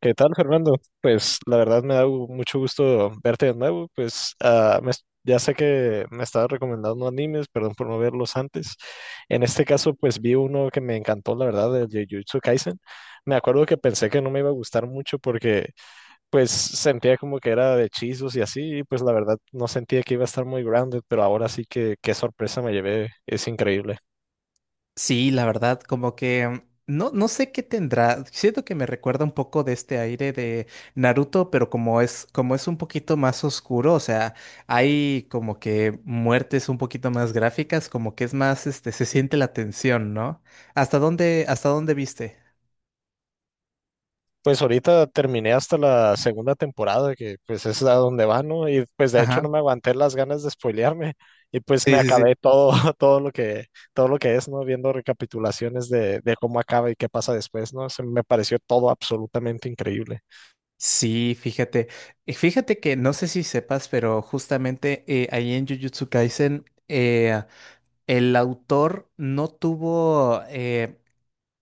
¿Qué tal, Fernando? Pues la verdad me da mucho gusto verte de nuevo. Pues ya sé que me estabas recomendando animes, perdón por no verlos antes. En este caso, pues vi uno que me encantó, la verdad, de Jujutsu Kaisen. Me acuerdo que pensé que no me iba a gustar mucho porque pues sentía como que era de hechizos y así, y pues la verdad no sentía que iba a estar muy grounded, pero ahora sí que qué sorpresa me llevé, es increíble. Sí, la verdad, como que no sé qué tendrá. Siento que me recuerda un poco de este aire de Naruto, pero como es un poquito más oscuro, o sea, hay como que muertes un poquito más gráficas, como que es más, se siente la tensión, ¿no? ¿Hasta dónde viste? Pues ahorita terminé hasta la segunda temporada, que pues es a donde va, ¿no? Y pues de hecho Ajá. no me aguanté las ganas de spoilearme y pues me Sí, sí, sí. acabé todo, todo lo que, todo lo que es, ¿no? Viendo recapitulaciones de cómo acaba y qué pasa después, ¿no? Se me pareció todo absolutamente increíble. Sí, fíjate. Fíjate que no sé si sepas, pero justamente ahí en Jujutsu Kaisen, el autor no tuvo.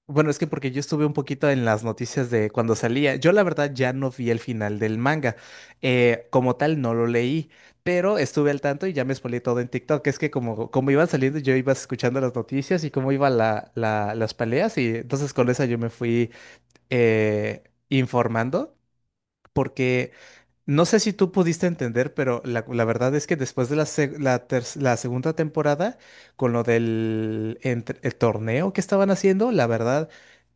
Bueno, es que porque yo estuve un poquito en las noticias de cuando salía. Yo la verdad ya no vi el final del manga. Como tal, no lo leí, pero estuve al tanto y ya me spoileé todo en TikTok. Es que como iban saliendo, yo iba escuchando las noticias y cómo iban las peleas y entonces con eso yo me fui eh, informando porque... No sé si tú pudiste entender, pero la verdad es que después de la segunda temporada, con lo el torneo que estaban haciendo, la verdad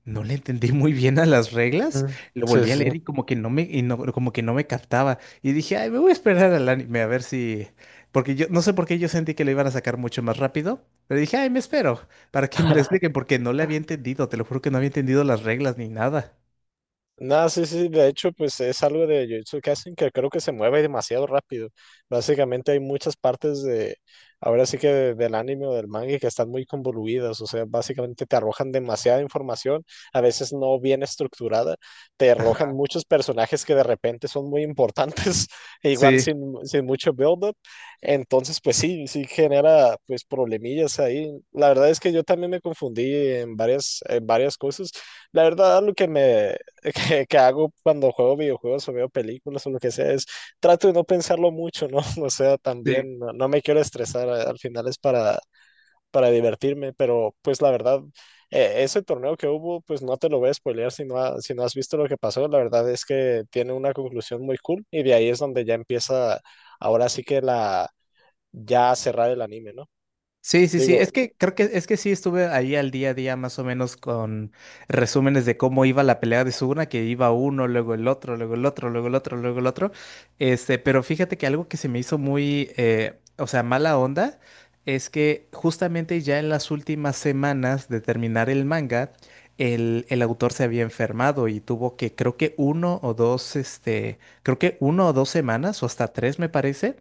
no le entendí muy bien a las reglas. Ujú. Lo Sí, volví a sí. leer y como que no me, y como que no me captaba. Y dije, ay, me voy a esperar al anime a ver si. Porque yo no sé por qué yo sentí que lo iban a sacar mucho más rápido, pero dije, ay, me espero para que me lo expliquen, porque no le había entendido. Te lo juro que no había entendido las reglas ni nada. Nada, sí, sí, de hecho, pues es algo de Jujutsu Kaisen que creo que se mueve demasiado rápido. Básicamente hay muchas partes ahora sí que del anime o del manga que están muy convoluidas, o sea, básicamente te arrojan demasiada información, a veces no bien estructurada, te arrojan muchos personajes que de repente son muy importantes, e igual Sí, sin mucho build-up. Entonces, pues sí, sí genera pues problemillas ahí. La verdad es que yo también me confundí en varias cosas. La verdad, lo que que hago cuando juego videojuegos o veo películas o lo que sea, es trato de no pensarlo mucho, ¿no? O sea, sí. también no me quiero estresar, al final es para divertirme, pero pues la verdad, ese torneo que hubo, pues no te lo voy a spoilear si no has visto lo que pasó. La verdad es que tiene una conclusión muy cool, y de ahí es donde ya empieza ahora sí que ya a cerrar el anime, ¿no? Sí, sí, sí. Es Digo, que creo que es que sí estuve ahí al día a día más o menos con resúmenes de cómo iba la pelea de Suguna, que iba uno, luego el otro, luego el otro, luego el otro, luego el otro. Pero fíjate que algo que se me hizo muy, o sea, mala onda, es que justamente ya en las últimas semanas de terminar el manga, el autor se había enfermado y tuvo que, creo que uno o dos, creo que uno o dos semanas, o hasta tres me parece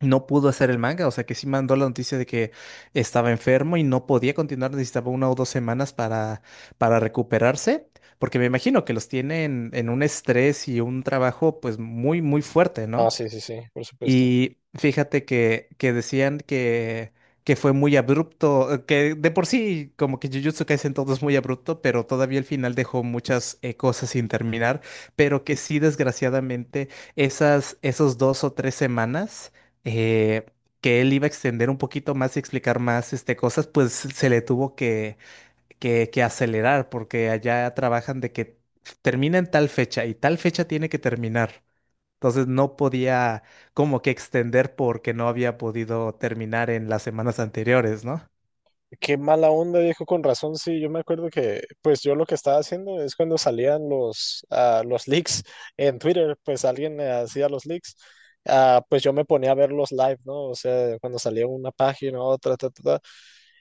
no pudo hacer el manga, o sea que sí mandó la noticia de que estaba enfermo y no podía continuar, necesitaba una o dos semanas para recuperarse, porque me imagino que los tienen en un estrés y un trabajo pues muy, muy fuerte, ¿no? sí, sí, sí, por supuesto. Y fíjate que decían que fue muy abrupto, que de por sí como que Jujutsu Kaisen todo es muy abrupto, pero todavía el final dejó muchas cosas sin terminar, pero que sí desgraciadamente esas, esos dos o tres semanas eh, que él iba a extender un poquito más y explicar más cosas, pues se le tuvo que acelerar porque allá trabajan de que termina en tal fecha y tal fecha tiene que terminar. Entonces no podía como que extender porque no había podido terminar en las semanas anteriores, ¿no? Qué mala onda, dijo con razón. Sí, yo me acuerdo que, pues yo lo que estaba haciendo es cuando salían los leaks en Twitter, pues alguien hacía los leaks, pues yo me ponía a ver los live, ¿no? O sea, cuando salía una página, otra, ta, ta, ta.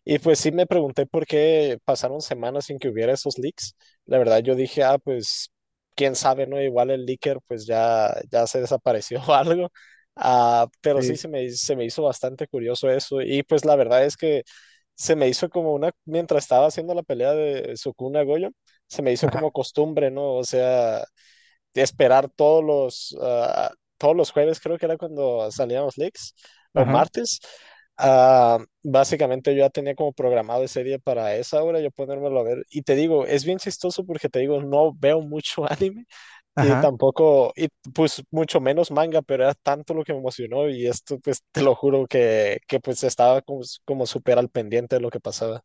Y pues sí me pregunté por qué pasaron semanas sin que hubiera esos leaks. La verdad yo dije, pues quién sabe, ¿no? Igual el leaker pues ya se desapareció o algo. Pero sí Sí. se me hizo bastante curioso eso. Y pues la verdad es que se me hizo como una... Mientras estaba haciendo la pelea de Sukuna Goyo, se me hizo como Ajá, costumbre, ¿no? O sea, de esperar todos los, ah, todos los jueves, creo que era cuando salían los leaks, o ajá, martes. Básicamente yo ya tenía como programado ese día para esa hora, yo ponérmelo a ver. Y te digo, es bien chistoso porque te digo, no veo mucho anime y ajá. tampoco, y pues mucho menos manga, pero era tanto lo que me emocionó y esto, pues te lo juro que pues estaba como súper al pendiente de lo que pasaba.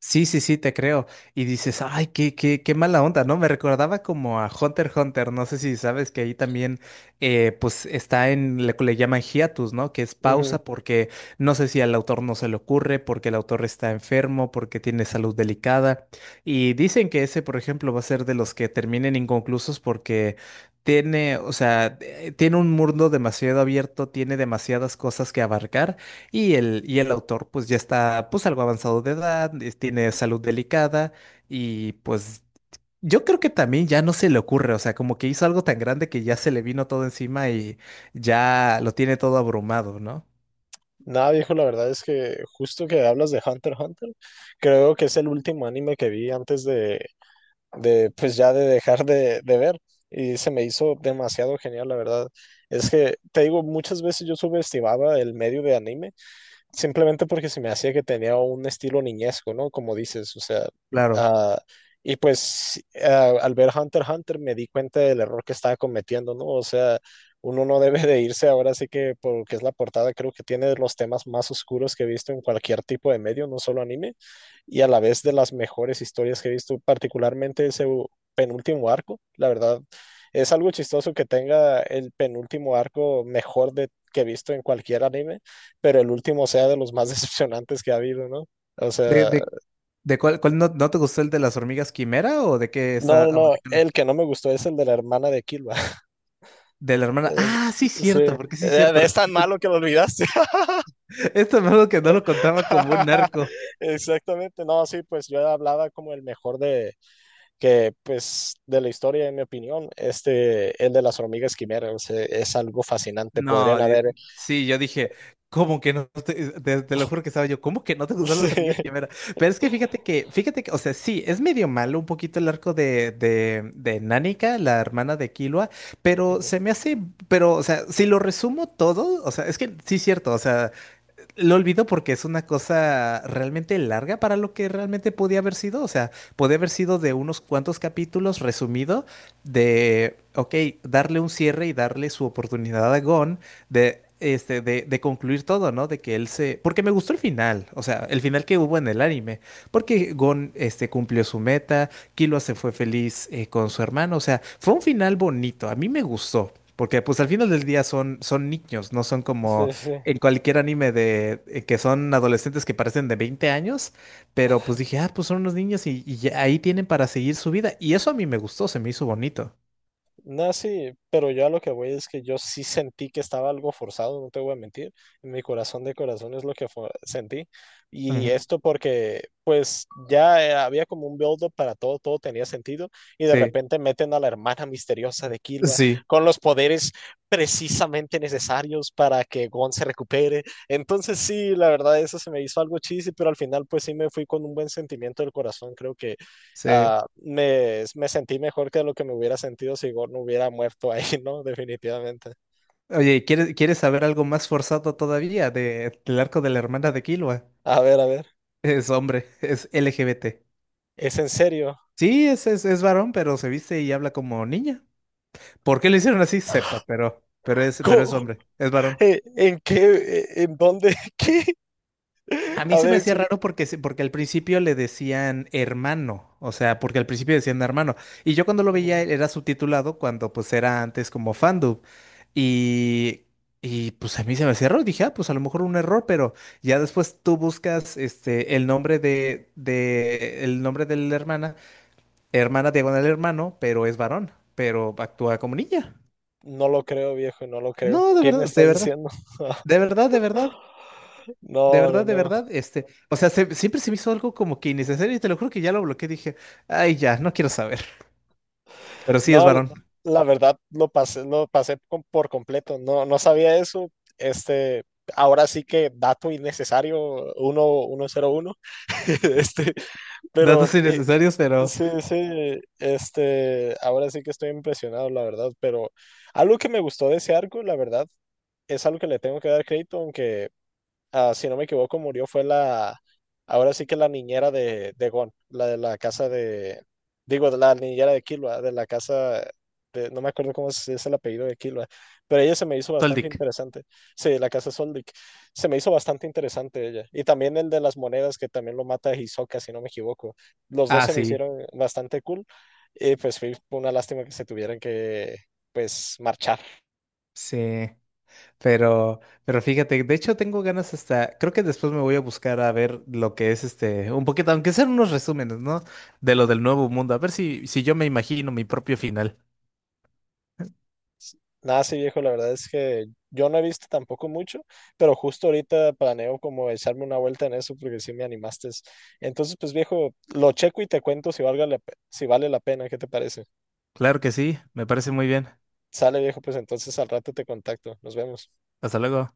Sí, sí, sí, te creo. Y dices, ay, qué mala onda, ¿no? Me recordaba como a Hunter x Hunter, no sé si sabes que ahí también, pues está en lo que le llaman hiatus, ¿no? Que es Ujú. pausa porque no sé si al autor no se le ocurre, porque el autor está enfermo, porque tiene salud delicada. Y dicen que ese, por ejemplo, va a ser de los que terminen inconclusos porque tiene, o sea, tiene un mundo demasiado abierto, tiene demasiadas cosas que abarcar. Y el autor pues ya está pues algo avanzado de edad, tiene salud delicada y pues yo creo que también ya no se le ocurre, o sea, como que hizo algo tan grande que ya se le vino todo encima y ya lo tiene todo abrumado, ¿no? Nada, viejo, la verdad es que justo que hablas de Hunter x Hunter, creo que es el último anime que vi antes de pues ya de dejar de ver, y se me hizo demasiado genial, la verdad. Es que, te digo, muchas veces yo subestimaba el medio de anime simplemente porque se me hacía que tenía un estilo niñesco, ¿no? Como dices, o sea, Claro. ah, y pues al ver Hunter x Hunter me di cuenta del error que estaba cometiendo, ¿no? O sea, uno no debe de irse ahora sí que porque es la portada. Creo que tiene de los temas más oscuros que he visto en cualquier tipo de medio, no solo anime, y a la vez de las mejores historias que he visto, particularmente ese penúltimo arco, la verdad. Es algo chistoso que tenga el penúltimo arco mejor de, que he visto en cualquier anime, pero el último sea de los más decepcionantes que ha habido, ¿no? O ¿De, sea, de, de cuál, cuál no te gustó el de las hormigas quimera o de qué no, no, está? ¿O no, de qué? el que no me gustó es el de la hermana de Kilba. De la hermana. Es- Ah, sí, Sí, cierto, porque sí, cierto. es tan malo que lo olvidaste. Esto es algo que no lo contaba como un narco. Exactamente, no, sí, pues yo hablaba como el mejor de que, pues, de la historia, en mi opinión, este, el de las hormigas quimeras, es algo fascinante. Podrían No, haber... sí, yo dije, ¿cómo que no te, te lo juro que estaba yo, ¿cómo que no te gustan Sí. los servicios de primera? Pero es que fíjate que, o sea, sí, es medio malo un poquito el arco de Nánica, la hermana de Killua, pero Ujú. se me hace, pero, o sea, si lo resumo todo, o sea, es que sí es cierto, o sea lo olvido porque es una cosa realmente larga para lo que realmente podía haber sido. O sea, podía haber sido de unos cuantos capítulos resumido de, ok, darle un cierre y darle su oportunidad a Gon de, de concluir todo, ¿no? De que él se... Porque me gustó el final, o sea, el final que hubo en el anime. Porque Gon, cumplió su meta, Killua se fue feliz con su hermano. O sea, fue un final bonito, a mí me gustó. Porque pues al final del día son niños, no son como Sí, sí. en cualquier anime de que son adolescentes que parecen de 20 años, pero pues dije, ah, pues son unos niños y ya ahí tienen para seguir su vida. Y eso a mí me gustó, se me hizo bonito. No, sí, pero yo a lo que voy es que yo sí sentí que estaba algo forzado, no te voy a mentir. En mi corazón de corazón es lo que sentí. Y Ujú. esto porque, pues, ya había como un build-up para todo, todo tenía sentido. Y de Sí, repente meten a la hermana misteriosa de Killua sí, con los poderes precisamente necesarios para que Gon se recupere. Entonces, sí, la verdad, eso se me hizo algo cheesy, pero al final, pues, sí me fui con un buen sentimiento del corazón. Creo que sí. me sentí mejor que lo que me hubiera sentido si Gord no hubiera muerto ahí, ¿no? Definitivamente. Oye, ¿quieres saber algo más forzado todavía de, del arco de la hermana de Killua? A ver, a ver. Es hombre, es LGBT. ¿Es en serio? Sí, es varón, pero se viste y habla como niña. ¿Por qué lo hicieron así? Sepa, pero pero es ¿Cómo? hombre, es varón. ¿En qué? ¿En dónde? ¿Qué? A mí A se ver, me hacía explica. raro porque, porque al principio le decían hermano, o sea, porque al principio decían hermano. Y yo cuando lo veía Ujú. e, era subtitulado cuando pues era antes como fandub. Y, y pues a mí se me hacía raro, dije, ah, pues a lo mejor un error, pero ya después tú buscas este, el nombre el nombre de la hermana, hermana diagonal hermano, pero es varón, pero actúa como niña. No lo creo, viejo, no lo creo. No, de ¿Qué me verdad, de estás verdad, diciendo? de verdad, de verdad, de verdad. De No, no, verdad, de no. verdad, o sea, siempre se me hizo algo como que innecesario y te lo juro que ya lo bloqueé, dije, ay, ya, no quiero saber. Pero sí es No, varón. la verdad lo pasé por completo. No, no sabía eso. Este, ahora sí que dato innecesario, 101. Este, pero Datos innecesarios, pero sí, sí, este, ahora sí que estoy impresionado, la verdad, pero algo que me gustó de ese arco, la verdad, es algo que le tengo que dar crédito, aunque si no me equivoco, murió fue ahora sí que la niñera de Gon, la de la casa de, digo, de la niñera de Killua, de la casa, de, no me acuerdo cómo es el apellido de Killua, pero ella se me hizo bastante Soldic. interesante. Sí, la casa Soldic, se me hizo bastante interesante ella. Y también el de las monedas, que también lo mata Hisoka, si no me equivoco. Los dos Ah, se me sí, hicieron bastante cool. Y pues fue una lástima que se tuvieran que, pues, marchar. sí. Pero, pero fíjate, de hecho tengo ganas hasta, creo que después me voy a buscar a ver lo que es este, un poquito, aunque sean unos resúmenes, ¿no? De lo del nuevo mundo, a ver si, si yo me imagino mi propio final. Nada, sí, viejo, la verdad es que yo no he visto tampoco mucho, pero justo ahorita planeo como echarme una vuelta en eso porque sí me animaste. Entonces, pues viejo, lo checo y te cuento si vale la pena, ¿qué te parece? Claro que sí, me parece muy bien. Sale, viejo, pues entonces al rato te contacto. Nos vemos. Hasta luego.